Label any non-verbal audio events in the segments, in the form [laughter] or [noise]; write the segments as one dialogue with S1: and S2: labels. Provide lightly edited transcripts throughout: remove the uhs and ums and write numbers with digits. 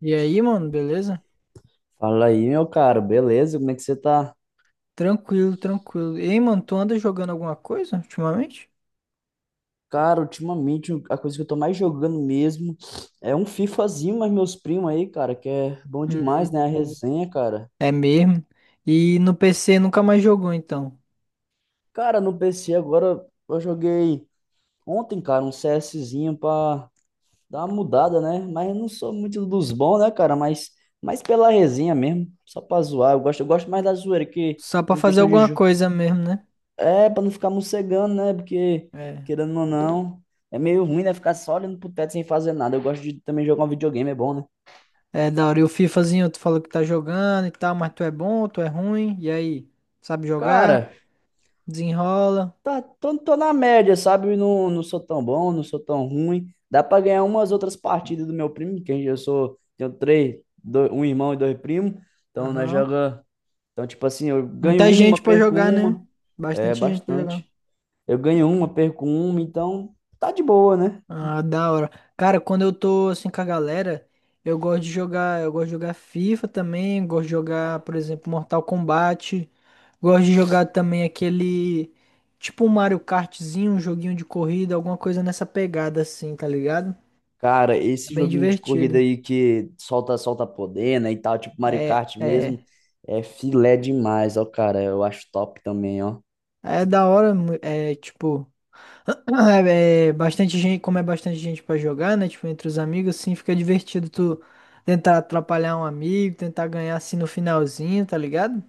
S1: E aí, mano, beleza?
S2: Fala aí, meu caro, beleza? Como é que você tá?
S1: Tranquilo, tranquilo. Ei, mano, tu anda jogando alguma coisa ultimamente?
S2: Cara, ultimamente a coisa que eu tô mais jogando mesmo é um FIFAzinho, mas meus primos aí, cara, que é bom
S1: Hum,
S2: demais, né? A
S1: hum.
S2: resenha, cara.
S1: É mesmo? E no PC nunca mais jogou, então.
S2: Cara, no PC agora eu joguei ontem, cara, um CSzinho pra dar uma mudada, né? Mas eu não sou muito dos bons, né, cara? Mas pela resenha mesmo, só pra zoar. Eu gosto mais da zoeira que
S1: Só pra
S2: em
S1: fazer
S2: questão de,
S1: alguma
S2: jo-
S1: coisa mesmo, né?
S2: É, pra não ficar morcegando, né? Porque,
S1: É.
S2: querendo ou não, é meio ruim, né? Ficar só olhando pro teto sem fazer nada. Eu gosto de também jogar um videogame, é bom, né?
S1: É, da hora. E o FIFAzinho, tu falou que tá jogando e tal, mas tu é bom, tu é ruim. E aí? Sabe jogar?
S2: Cara,
S1: Desenrola?
S2: tá, tô na média, sabe? Não, não sou tão bom, não sou tão ruim. Dá pra ganhar umas outras partidas do meu primo, que eu sou, tenho três, um irmão e dois primos. Então, nós
S1: Aham.
S2: joga. Então, tipo assim, eu ganho
S1: Muita
S2: uma,
S1: gente pra
S2: perco
S1: jogar, né?
S2: uma. É
S1: Bastante gente pra jogar.
S2: bastante. Eu ganho uma, perco uma, então tá de boa, né?
S1: Ah, da hora. Cara, quando eu tô assim com a galera, eu gosto de jogar, FIFA também, gosto de jogar, por exemplo, Mortal Kombat, gosto de jogar também aquele tipo um Mario Kartzinho, um joguinho de corrida, alguma coisa nessa pegada assim, tá ligado?
S2: Cara,
S1: É
S2: esse
S1: bem
S2: joguinho de corrida
S1: divertido.
S2: aí que solta, solta poder, né, e tal, tipo Mario
S1: É,
S2: Kart
S1: é,
S2: mesmo, é filé demais, ó, cara, eu acho top também, ó.
S1: é da hora, é tipo Ah, é bastante gente, como é bastante gente pra jogar, né? Tipo, entre os amigos, assim, fica divertido tu tentar atrapalhar um amigo, tentar ganhar assim no finalzinho, tá ligado?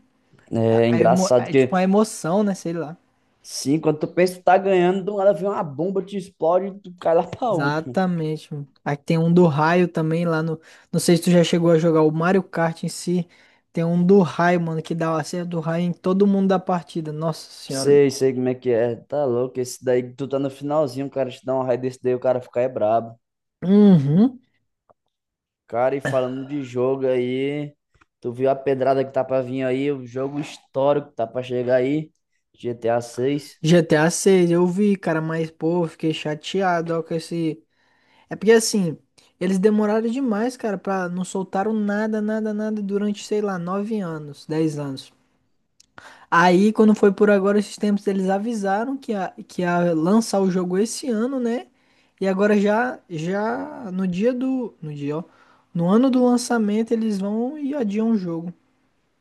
S2: É engraçado
S1: É tipo
S2: que,
S1: uma emoção, né? Sei lá.
S2: sim, quando tu pensa que tá ganhando, do nada vem uma bomba, te explode e tu cai lá pra último.
S1: Exatamente, mano. Aí tem um do raio também lá no. Não sei se tu já chegou a jogar o Mario Kart em si. Tem um do raio, mano, que dá o acerto do raio em todo mundo da partida. Nossa senhora.
S2: Sei, sei como é que é, tá louco, esse daí que tu tá no finalzinho, o cara te dá um raio desse daí, o cara fica é brabo.
S1: Uhum.
S2: Cara, e falando de jogo aí, tu viu a pedrada que tá pra vir aí, o jogo histórico que tá pra chegar aí, GTA VI.
S1: GTA 6, eu vi, cara, mas, pô, eu fiquei chateado, ó, com esse. É porque assim, eles demoraram demais, cara, pra não soltaram nada, nada, nada durante, sei lá, 9 anos, 10 anos. Aí, quando foi por agora esses tempos, eles avisaram que ia lançar o jogo esse ano, né? E agora já no dia no dia, ó, no ano do lançamento eles vão e adiam o jogo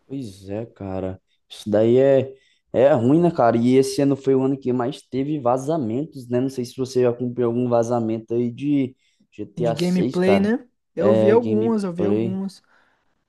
S2: Pois é, cara. Isso daí é ruim, né, cara? E esse ano foi o ano que mais teve vazamentos, né? Não sei se você já cumpriu algum vazamento aí de GTA
S1: de
S2: seis
S1: gameplay,
S2: cara.
S1: né?
S2: É,
S1: Eu vi
S2: gameplay.
S1: algumas.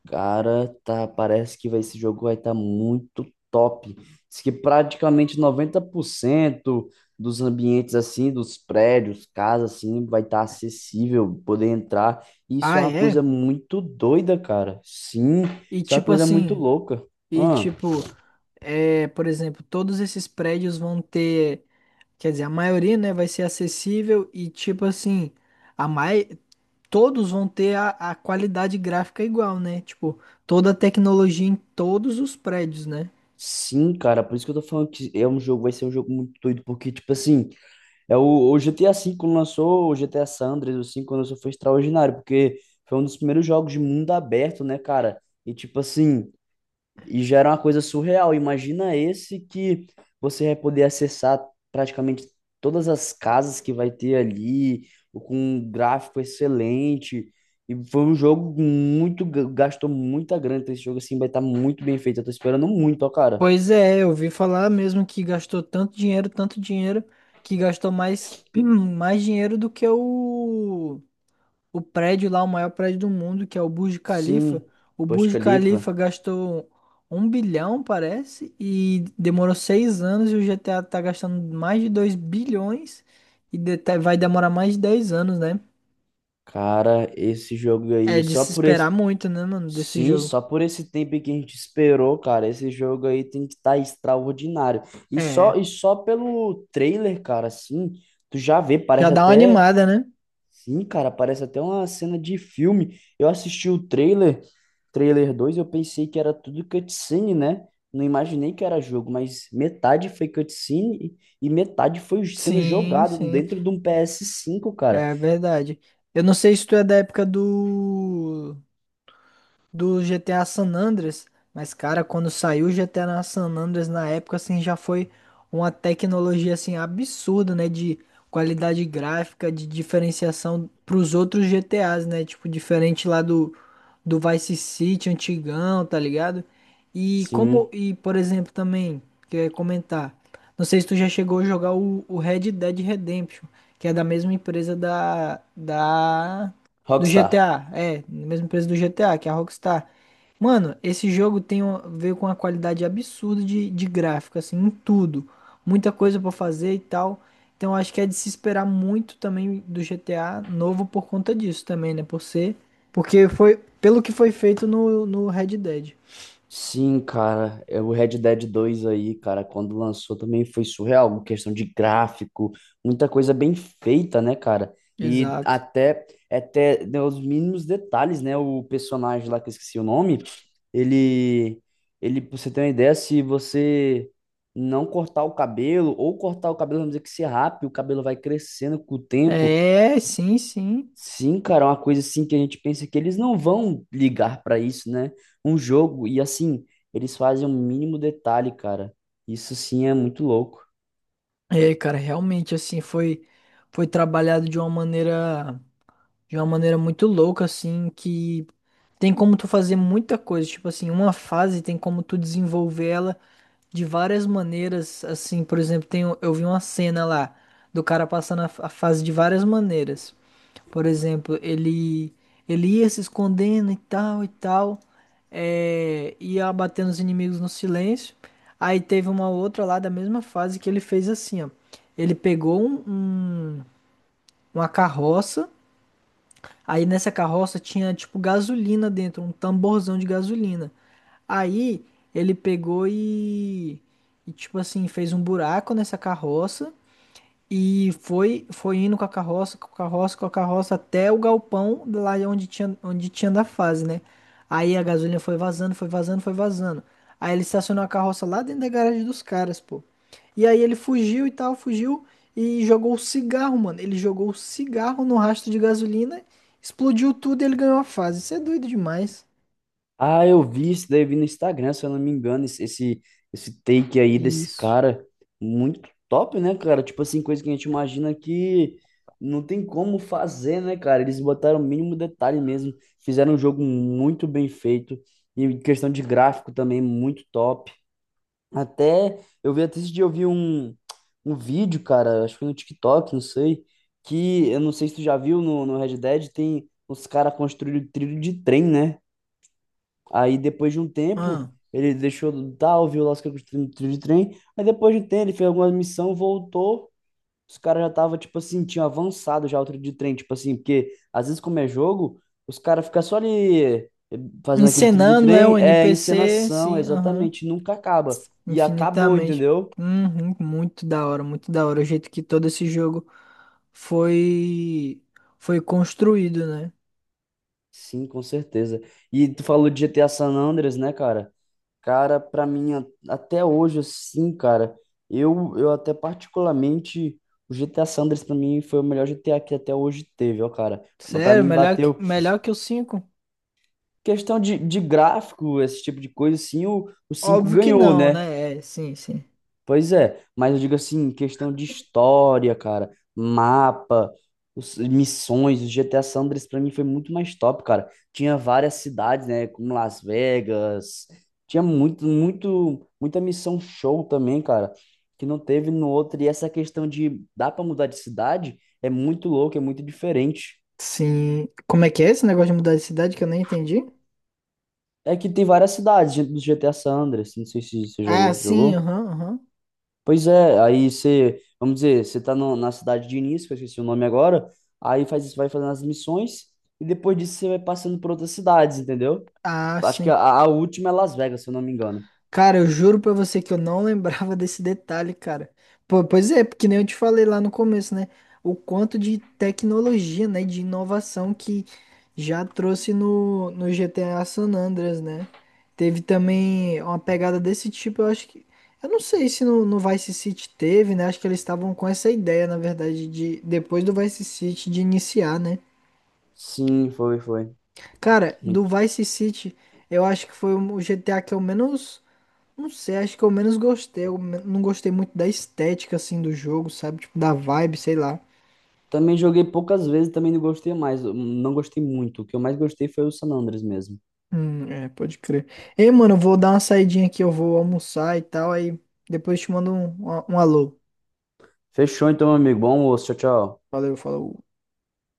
S2: Cara, tá, parece que vai, esse jogo vai estar muito top. Diz que praticamente 90% dos ambientes assim, dos prédios, casas assim, vai estar acessível, poder entrar. Isso é
S1: Ah,
S2: uma
S1: é?
S2: coisa muito doida, cara. Sim,
S1: E
S2: isso é uma
S1: tipo
S2: coisa muito
S1: assim,
S2: louca.
S1: e
S2: Ah,
S1: tipo, é, por exemplo, todos esses prédios vão ter. Quer dizer, a maioria, né, vai ser acessível e tipo assim, a mai... todos vão ter a qualidade gráfica igual, né? Tipo, toda a tecnologia em todos os prédios, né?
S2: sim, cara, por isso que eu tô falando que é um jogo, vai ser um jogo muito doido, porque tipo assim, é o GTA V quando lançou, o GTA San Andreas, o 5 quando lançou foi extraordinário, porque foi um dos primeiros jogos de mundo aberto, né, cara? E tipo assim, e já era uma coisa surreal. Imagina esse que você vai poder acessar praticamente todas as casas que vai ter ali, com um gráfico excelente. E foi um jogo muito, gastou muita grana. Então esse jogo assim vai estar muito bem feito. Eu tô esperando muito, ó, cara.
S1: Pois é, eu ouvi falar mesmo que gastou tanto dinheiro, que gastou mais, [clears throat] mais dinheiro do que o prédio lá, o maior prédio do mundo, que é o Burj Khalifa.
S2: Sim,
S1: O
S2: poxa
S1: Burj Khalifa
S2: Calippa.
S1: gastou 1 bilhão, parece, e demorou 6 anos, e o GTA tá gastando mais de 2 bilhões vai demorar mais de 10 anos, né?
S2: Cara, esse jogo
S1: É
S2: aí,
S1: de
S2: só
S1: se
S2: por esse.
S1: esperar muito, né, mano, desse
S2: Sim,
S1: jogo.
S2: só por esse tempo que a gente esperou, cara, esse jogo aí tem que estar extraordinário.
S1: É,
S2: E só pelo trailer, cara, assim, tu já vê,
S1: já
S2: parece
S1: dá uma
S2: até,
S1: animada, né?
S2: sim, cara, parece até uma cena de filme. Eu assisti o trailer, trailer 2, eu pensei que era tudo cutscene, né? Não imaginei que era jogo, mas metade foi cutscene e metade foi sendo
S1: Sim,
S2: jogado
S1: sim,
S2: dentro de um PS5, cara.
S1: é verdade. Eu não sei se tu é da época do GTA San Andreas, mas cara, quando saiu o GTA na San Andreas na época assim já foi uma tecnologia assim absurda, né, de qualidade gráfica, de diferenciação para os outros GTAs, né? Tipo diferente lá do Vice City antigão, tá ligado? E como
S2: Sim,
S1: e por exemplo também que eu ia comentar, não sei se tu já chegou a jogar o Red Dead Redemption, que é da mesma empresa da do
S2: Rockstar.
S1: GTA, é, na mesma empresa do GTA, que é a Rockstar. Mano, esse jogo veio com uma qualidade absurda de gráfico, assim, em tudo. Muita coisa pra fazer e tal. Então acho que é de se esperar muito também do GTA novo por conta disso também, né? Porque foi pelo que foi feito no Red Dead.
S2: Sim, cara, é o Red Dead 2 aí, cara, quando lançou também foi surreal, uma questão de gráfico, muita coisa bem feita, né, cara? E
S1: Exato.
S2: até né, os mínimos detalhes, né? O personagem lá que eu esqueci o nome, ele, ele, pra você ter uma ideia, se você não cortar o cabelo, ou cortar o cabelo, vamos dizer que se rape, o cabelo vai crescendo com o tempo.
S1: Sim.
S2: Sim, cara, é uma coisa assim que a gente pensa que eles não vão ligar pra isso, né? Um jogo, e assim, eles fazem um mínimo detalhe, cara. Isso sim é muito louco.
S1: É, cara, realmente assim foi trabalhado de uma maneira, de uma maneira muito louca, assim, que tem como tu fazer muita coisa. Tipo assim, uma fase tem como tu desenvolver ela de várias maneiras. Assim, por exemplo, eu vi uma cena lá do cara passando a fase de várias maneiras. Por exemplo, ele ia se escondendo e tal, é, ia abatendo os inimigos no silêncio. Aí teve uma outra lá da mesma fase que ele fez assim, ó. Ele pegou um, um- uma carroça. Aí nessa carroça tinha tipo gasolina dentro, um tamborzão de gasolina. Aí ele pegou e tipo assim, fez um buraco nessa carroça e foi indo com a carroça, com a carroça até o galpão lá onde tinha da fase, né? Aí a gasolina foi vazando, foi vazando. Aí ele estacionou a carroça lá dentro da garagem dos caras, pô. E aí ele fugiu e tal, fugiu e jogou o cigarro, mano. Ele jogou o cigarro no rastro de gasolina, explodiu tudo e ele ganhou a fase. Isso é doido demais.
S2: Ah, eu vi isso daí, vi no Instagram, se eu não me engano, esse take aí desse
S1: Isso.
S2: cara. Muito top, né, cara? Tipo assim, coisa que a gente imagina que não tem como fazer, né, cara? Eles botaram o mínimo detalhe mesmo. Fizeram um jogo muito bem feito. E em questão de gráfico também, muito top. Até eu vi até esse dia eu vi um vídeo, cara, acho que foi no TikTok, não sei, que eu não sei se tu já viu no Red Dead, tem os caras construíram trilho de trem, né? Aí depois de um tempo,
S1: Ah.
S2: ele deixou do tal, viu lá os caras construindo trilho de trem, aí depois de um tempo ele fez alguma missão, voltou os caras já tava, tipo assim, tinham avançado já o tiro de trem, tipo assim, porque às vezes como é jogo, os caras ficam só ali, eh, fazendo aquele tiro de
S1: Encenando, né, o
S2: trem, é
S1: NPC,
S2: encenação,
S1: sim, aham.
S2: exatamente, nunca acaba. E acabou,
S1: Infinitamente.
S2: entendeu?
S1: Uhum, muito da hora, muito da hora. O jeito que todo esse jogo foi foi construído, né?
S2: Sim, com certeza. E tu falou de GTA San Andreas, né, cara? Cara, pra mim, até hoje, assim, cara, eu até particularmente, o GTA San Andreas pra mim foi o melhor GTA que até hoje teve, ó, cara. Pra
S1: Sério,
S2: mim bateu,
S1: melhor que o cinco.
S2: questão de gráfico, esse tipo de coisa, sim, o 5
S1: Óbvio que
S2: ganhou,
S1: não,
S2: né?
S1: né? Sim.
S2: Pois é, mas eu digo assim, questão de história, cara, mapa, missões, o GTA San Andreas pra mim foi muito mais top, cara. Tinha várias cidades, né, como Las Vegas, tinha muito, muito, muita missão show também, cara, que não teve no outro. E essa questão de dá pra mudar de cidade é muito louco, é muito diferente.
S1: Sim. Como é que é esse negócio de mudar de cidade que eu nem entendi?
S2: É que tem várias cidades dentro do GTA San Andreas, não sei se você já
S1: Ah,
S2: jogou.
S1: aham.
S2: Pois é, aí você, vamos dizer, você tá na cidade de início, que eu esqueci o nome agora, aí faz isso, vai fazendo as missões, e depois disso você vai passando por outras cidades, entendeu?
S1: Ah,
S2: Acho que
S1: sim.
S2: a última é Las Vegas, se eu não me engano.
S1: Cara, eu juro pra você que eu não [laughs] lembrava desse detalhe, cara. Pois é, porque nem eu te falei lá no começo, né? O quanto de tecnologia, né? De inovação que já trouxe no GTA San Andreas, né? Teve também uma pegada desse tipo, eu acho que. Eu não sei se no Vice City teve, né? Acho que eles estavam com essa ideia, na verdade, de depois do Vice City de iniciar, né?
S2: Sim, foi, foi.
S1: Cara, do
S2: Muito.
S1: Vice City, eu acho que foi o GTA que eu menos. Não sei, acho que eu menos gostei. Não gostei muito da estética, assim, do jogo, sabe? Tipo, da vibe, sei lá.
S2: Também joguei poucas vezes, também não gostei mais, não gostei muito. O que eu mais gostei foi o San Andreas mesmo.
S1: É, pode crer. Ei, mano, eu vou dar uma saidinha aqui, eu vou almoçar e tal. Aí depois te mando um alô.
S2: Fechou então, meu amigo. Bom almoço, tchau, tchau.
S1: Valeu, falou.